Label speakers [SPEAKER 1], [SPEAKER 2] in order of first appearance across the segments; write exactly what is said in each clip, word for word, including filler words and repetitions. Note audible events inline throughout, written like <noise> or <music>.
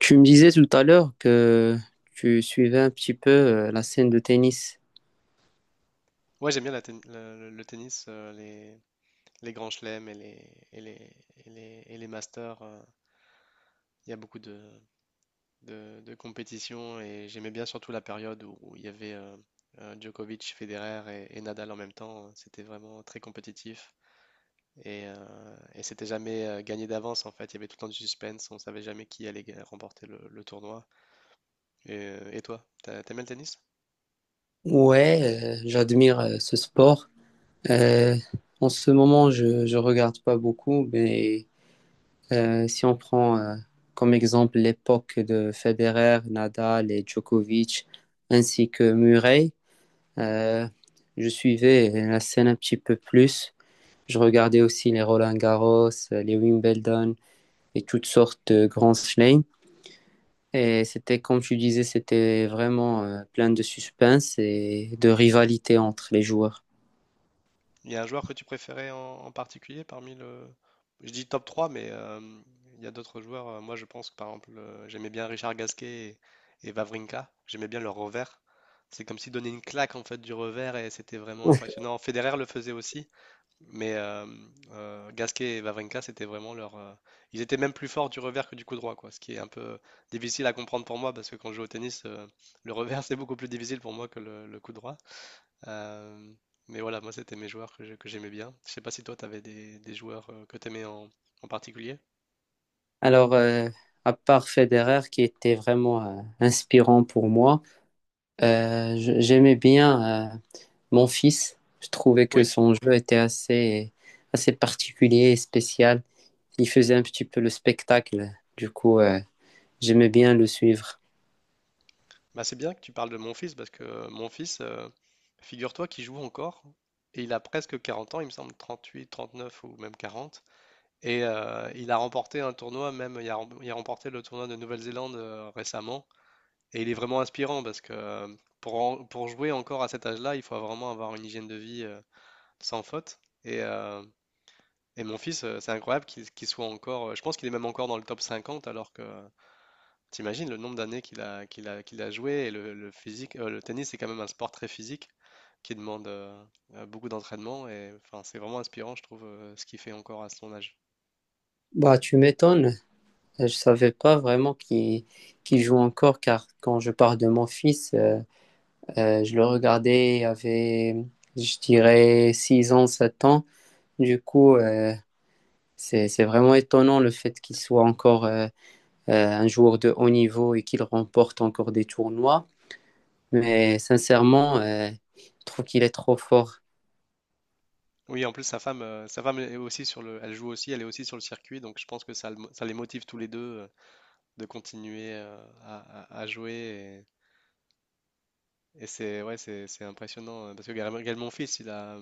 [SPEAKER 1] Tu me disais tout à l'heure que tu suivais un petit peu euh, la scène de tennis.
[SPEAKER 2] Ouais, j'aime bien la ten- le, le le tennis, euh, les, les grands chelems et les, et les, et les, et les masters. euh, Il y a beaucoup de, de, de compétitions et j'aimais bien surtout la période où, où il y avait euh, euh, Djokovic, Federer et, et Nadal en même temps. C'était vraiment très compétitif et, euh, et c'était jamais euh, gagné d'avance en fait. Il y avait tout le temps du suspense, on savait jamais qui allait ga- remporter le, le tournoi. Et, euh, et toi, t'a- t'aimes bien le tennis?
[SPEAKER 1] Ouais, euh, j'admire euh, ce sport. Euh, En ce moment, je je regarde pas beaucoup, mais euh, si on prend euh, comme exemple l'époque de Federer, Nadal et Djokovic, ainsi que Murray, euh, je suivais euh, la scène un petit peu plus. Je regardais aussi les Roland-Garros, les Wimbledon et toutes sortes de grands chelems. Et c'était, comme tu disais, c'était vraiment euh, plein de suspense et de rivalité entre les joueurs.
[SPEAKER 2] Il y a un joueur que tu préférais en, en particulier parmi le... Je dis top trois mais euh, il y a d'autres joueurs. Euh, Moi, je pense que par exemple, euh, j'aimais bien Richard Gasquet et, et Wawrinka. J'aimais bien leur revers. C'est comme s'ils donnaient une claque en fait du revers et c'était vraiment impressionnant. Federer le faisait aussi, mais euh, euh, Gasquet et Wawrinka, c'était vraiment leur. euh, Ils étaient même plus forts du revers que du coup droit, quoi. Ce qui est un peu difficile à comprendre pour moi parce que quand je joue au tennis, euh, le revers <laughs> c'est beaucoup plus difficile pour moi que le, le coup droit. Euh, mais voilà, moi, c'était mes joueurs que je- que j'aimais bien. Je sais pas si toi, t'avais des, des joueurs euh, que t'aimais en, en particulier.
[SPEAKER 1] Alors, euh, à part Federer, qui était vraiment euh, inspirant pour moi, euh, je- j'aimais bien euh, mon fils. Je trouvais que
[SPEAKER 2] Oui,
[SPEAKER 1] son jeu était assez, assez particulier et spécial. Il faisait un petit peu le spectacle. Du coup, euh, j'aimais bien le suivre.
[SPEAKER 2] bah, c'est bien que tu parles de mon fils parce que euh, mon fils, euh, figure-toi qu'il joue encore et il a presque quarante ans, il me semble trente-huit, trente-neuf ou même quarante. Et euh, il a remporté un tournoi, même il a, rem- il a remporté le tournoi de Nouvelle-Zélande euh, récemment. Et il est vraiment inspirant parce que euh, pour, en- pour jouer encore à cet âge-là, il faut vraiment avoir une hygiène de vie euh, sans faute. Et, euh, Et mon fils, euh, c'est incroyable qu'il qu'il soit encore. euh, Je pense qu'il est même encore dans le top cinquante, alors que euh, t'imagines le nombre d'années qu'il a, qu'il a, qu'il a joué. Et le, le physique, euh, le tennis, c'est quand même un sport très physique qui demande euh, euh, beaucoup d'entraînement. Et enfin, c'est vraiment inspirant, je trouve, euh, ce qu'il fait encore à son âge.
[SPEAKER 1] Bah, tu m'étonnes. Euh, Je savais pas vraiment qu'il qu'il joue encore, car quand je parle de mon fils, euh, Euh, je le regardais, il avait, je dirais, six ans, sept ans. Du coup, euh, c'est, c'est vraiment étonnant le fait qu'il soit encore euh, euh, un joueur de haut niveau et qu'il remporte encore des tournois. Mais sincèrement, euh, je trouve qu'il est trop fort.
[SPEAKER 2] Oui, en plus, sa femme, euh, sa femme est aussi sur le, elle joue aussi, elle est aussi sur le circuit, donc je pense que ça, le mo- ça les motive tous les deux euh, de continuer euh, à, à- à jouer. Et, et c'est, ouais, c'est c'est impressionnant euh, parce que également mon fils, il a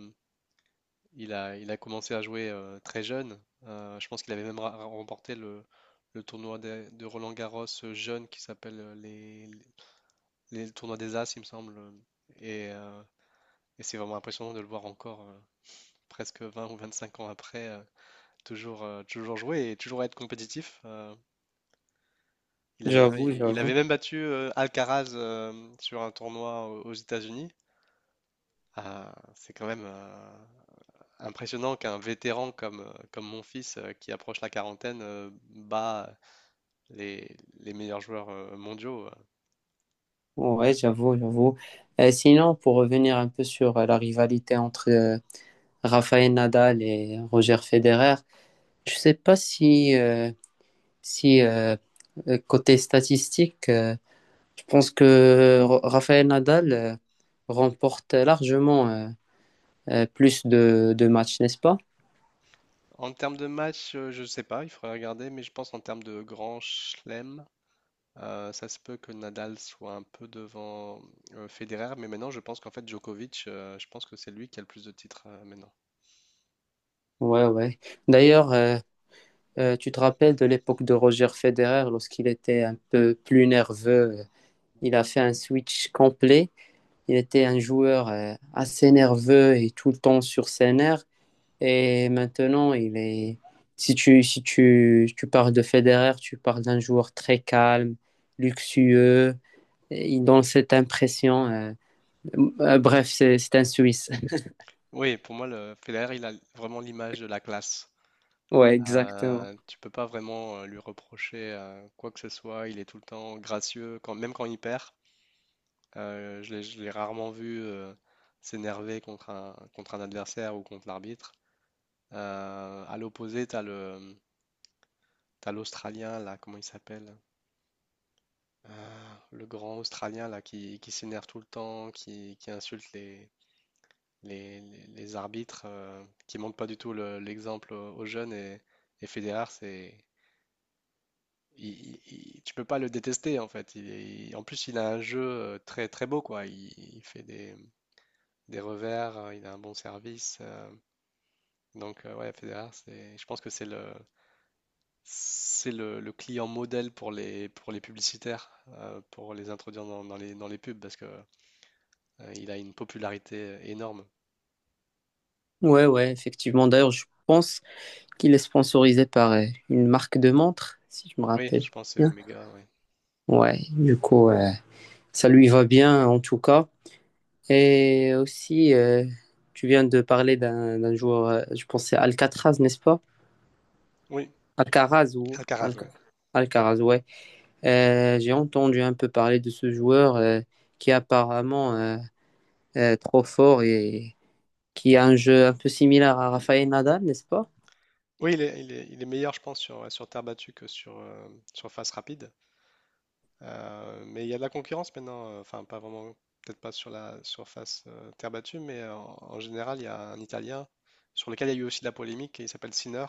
[SPEAKER 2] Il a, il a commencé à jouer euh, très jeune. Euh, je pense qu'il avait même ra- remporté le, le tournoi de, de Roland-Garros jeune qui s'appelle euh, les, les, les tournois des As, il me semble. Et, euh, et c'est vraiment impressionnant de le voir encore euh, presque vingt ou vingt-cinq ans après, euh, toujours, euh, toujours jouer et toujours être compétitif. Euh, il avait même,
[SPEAKER 1] J'avoue,
[SPEAKER 2] il avait
[SPEAKER 1] j'avoue.
[SPEAKER 2] même battu euh, Alcaraz euh, sur un tournoi aux aux États-Unis. Ah, c'est quand même, euh, impressionnant qu'un vétéran comme, euh, comme mon fils euh, qui approche la quarantaine euh, bat euh, les, les meilleurs joueurs euh, mondiaux. euh.
[SPEAKER 1] Ouais, j'avoue, j'avoue. Euh, sinon, pour revenir un peu sur euh, la rivalité entre euh, Rafael Nadal et Roger Federer, je sais pas si, euh, si euh, euh, côté statistique, euh, je pense que Ra- Rafael Nadal euh, remporte largement euh, euh, plus de, de matchs, n'est-ce pas?
[SPEAKER 2] En termes de match, euh, je ne sais pas, il faudrait regarder, mais je pense en termes de grand chelem, euh, ça se peut que Nadal soit un peu devant euh, Federer, mais maintenant je pense qu'en fait Djokovic, euh, je pense que c'est lui qui a le plus de titres euh, maintenant.
[SPEAKER 1] Ouais, ouais. D'ailleurs, euh, euh, tu te rappelles de l'époque de Roger Federer lorsqu'il était un peu plus nerveux. euh, Il a fait un switch complet. Il était un joueur euh, assez nerveux et tout le temps sur ses nerfs. Et maintenant, il est. Si tu, si tu, tu parles de Federer, tu parles d'un joueur très calme, luxueux. Et il donne cette impression. euh, Euh, Bref, c'est c'est un Suisse. <laughs>
[SPEAKER 2] Oui, pour moi, le Federer, il a vraiment l'image de la classe.
[SPEAKER 1] Ouais, exactement.
[SPEAKER 2] Euh, tu peux pas vraiment euh, lui reprocher euh, quoi que ce soit. Il est tout le temps gracieux, quand, même quand il perd. Euh, je l'ai, je l'ai rarement vu euh, s'énerver contre un, contre un adversaire ou contre l'arbitre. Euh, à l'opposé, t'as le, t'as l'Australien, là, comment il s'appelle? Euh, le grand Australien, là, qui, qui s'énerve tout le temps, qui, qui insulte les, les, les- les arbitres, euh, qui montre pas du tout le- l'exemple aux aux jeunes. Et, et Federer, c'est, il- il- il- tu peux pas le détester, en fait. Il est- il- en plus, il a un jeu euh, très, très beau, quoi. Il, il fait des, des revers, euh, il a un bon service. euh, Donc, euh, ouais, Federer, c'est, je pense que c'est le, c'est le, le client modèle pour les, pour les publicitaires, euh, pour les introduire dans, dans les, dans les pubs, parce que euh, il a une popularité énorme.
[SPEAKER 1] Ouais, ouais, effectivement. D'ailleurs, je pense qu'il est sponsorisé par euh, une marque de montre, si je me
[SPEAKER 2] Oui,
[SPEAKER 1] rappelle
[SPEAKER 2] je pense que c'est
[SPEAKER 1] bien.
[SPEAKER 2] Omega, ouais.
[SPEAKER 1] Ouais, du coup, euh, ça lui va bien en tout cas. Et aussi, euh, tu viens de parler d'un d'un joueur, euh, je pense que c'est Alcatraz, n'est-ce pas?
[SPEAKER 2] Oui,
[SPEAKER 1] Alcaraz ou
[SPEAKER 2] Alcaraz, oui.
[SPEAKER 1] Alca- Alcaraz, ouais. Euh, j'ai entendu un peu parler de ce joueur euh, qui est apparemment euh, euh, trop fort et qui a un jeu un peu similaire à Rafael Nadal, n'est-ce pas?
[SPEAKER 2] Oui, il est, il est, il est meilleur, je pense, sur, sur terre battue que sur, euh, sur face rapide. Euh, mais il y a de la concurrence maintenant, euh, enfin, pas vraiment, peut-être pas sur la surface euh, terre battue, mais euh, en, en général, il y a un Italien sur lequel il y a eu aussi de la polémique et il s'appelle Sinner.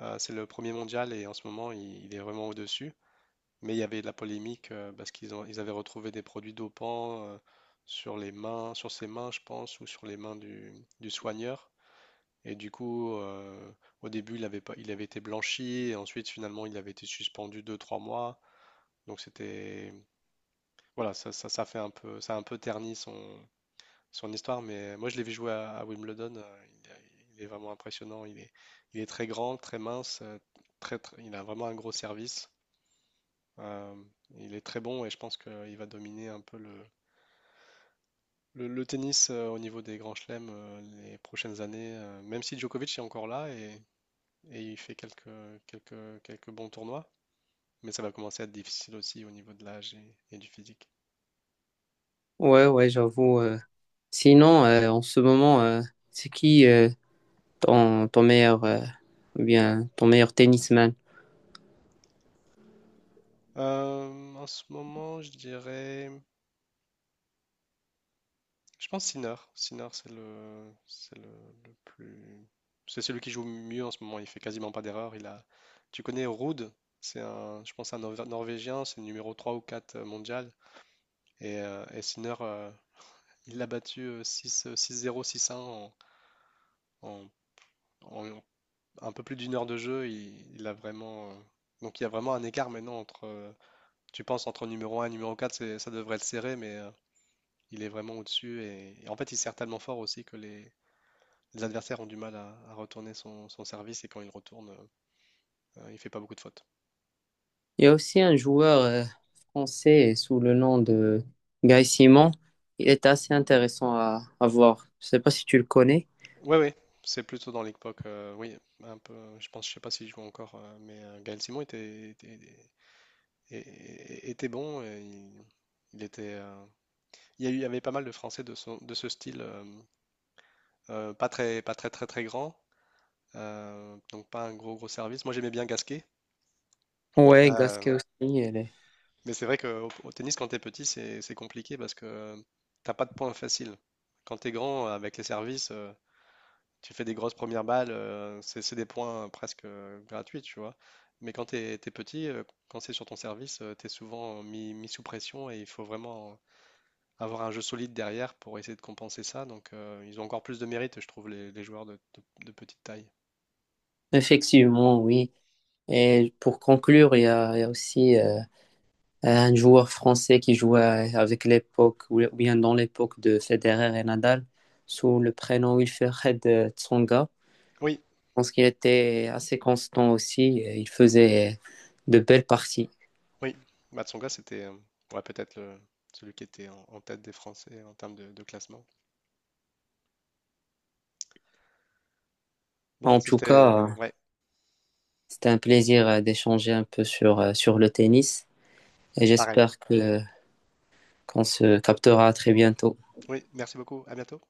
[SPEAKER 2] Euh, c'est le premier mondial et en ce moment, il, il est vraiment au-dessus. Mais il y avait de la polémique euh, parce qu'ils ont, ils avaient retrouvé des produits dopants euh, sur les mains, sur ses mains, je pense, ou sur les mains du, du soigneur. Et du coup, euh, au début, il avait pas, il avait été blanchi et ensuite, finalement, il avait été suspendu deux trois mois. Donc c'était, voilà, ça, ça, ça fait un peu, ça a un peu terni son, son histoire, mais moi je l'ai vu jouer à, à Wimbledon. Euh, il, est- il est vraiment impressionnant. Il est, il est très grand, très mince, euh, très, très- il a vraiment un gros service. Euh, il est très bon et je pense qu'il va dominer un peu le, le- le tennis euh, au niveau des grands chelems euh, les prochaines années, euh, même si Djokovic est encore là et, et il fait quelques, quelques, quelques bons tournois, mais ça va commencer à être difficile aussi au niveau de l'âge et, et du physique.
[SPEAKER 1] Ouais, ouais, j'avoue. euh. Sinon, euh, en ce moment, euh, c'est qui euh, ton, ton meilleur, euh, ou bien ton meilleur tennisman?
[SPEAKER 2] Euh, en ce moment, je dirais. Je pense Sinard. Sinard, c'est le, c'est le, le plus. C'est celui qui joue mieux en ce moment. Il fait quasiment pas d'erreur. Il a... Tu connais Ruud? C'est un, je pense, un Norv- Norvégien. C'est le numéro trois ou quatre euh, mondial. Et, euh, et Sinard, euh, il l'a battu euh, six, six zéro, six un en, en- en un peu plus d'une heure de jeu. Il, il a vraiment. euh, Donc il y a vraiment un écart maintenant entre. euh, Tu penses entre numéro un et numéro quatre. c'est- ça devrait être serré, mais euh, il est vraiment au-dessus. Et, et en fait, il sert tellement fort aussi que les, les adversaires ont du mal à, à retourner son, son service et quand il retourne, euh, il fait pas beaucoup de fautes.
[SPEAKER 1] Il y a aussi un joueur euh, français sous le nom de Guy Simon. Il est assez intéressant à, à voir. Je sais pas si tu le connais.
[SPEAKER 2] Ouais, ouais, c'est plutôt dans l'époque, euh, oui, un peu. Je pense, je sais pas s'il joue encore, euh, mais euh, Gaël Simon était, était, était- était bon. et il, il était, euh, il y a eu- il y avait pas mal de Français de, son- de ce style, euh, euh, pas très, pas très, très, très grand, euh, donc pas un gros, gros service. Moi, j'aimais bien Gasquet,
[SPEAKER 1] Ouais,
[SPEAKER 2] euh,
[SPEAKER 1] Gasquet aussi. Elle est-
[SPEAKER 2] mais c'est vrai qu'au au tennis, quand t'es petit, c'est c'est compliqué parce que t'as pas de points faciles. Quand t'es grand, avec les services, euh, tu fais des grosses premières balles, euh, c'est c'est des points euh, presque euh, gratuits, tu vois. Mais quand t'es, t'es petit, euh, quand c'est sur ton service, tu t'es souvent euh, mis, mis sous pression et il faut vraiment euh, avoir un jeu solide derrière pour essayer de compenser ça. Donc euh, ils ont encore plus de mérite, je trouve, les, les joueurs de, de- de petite taille.
[SPEAKER 1] Effectivement, oui. Et pour conclure, il y a, il y a aussi euh, Euh, un joueur français qui jouait avec l'époque, ou bien dans l'époque de Federer et Nadal, sous le prénom Wilfried Tsonga.
[SPEAKER 2] Oui,
[SPEAKER 1] Je pense qu'il était assez constant aussi, et il faisait de belles parties.
[SPEAKER 2] oui. Matsonga, c'était euh, ouais, peut-être le- celui qui était en, en tête des Français en termes de, de classement. Bon,
[SPEAKER 1] En tout
[SPEAKER 2] c'était...
[SPEAKER 1] cas,
[SPEAKER 2] Ouais,
[SPEAKER 1] c'était un plaisir euh, d'échanger un peu sur, euh, sur le tennis et
[SPEAKER 2] pareil.
[SPEAKER 1] j'espère que qu'on se captera très bientôt.
[SPEAKER 2] Oui, merci beaucoup. À bientôt.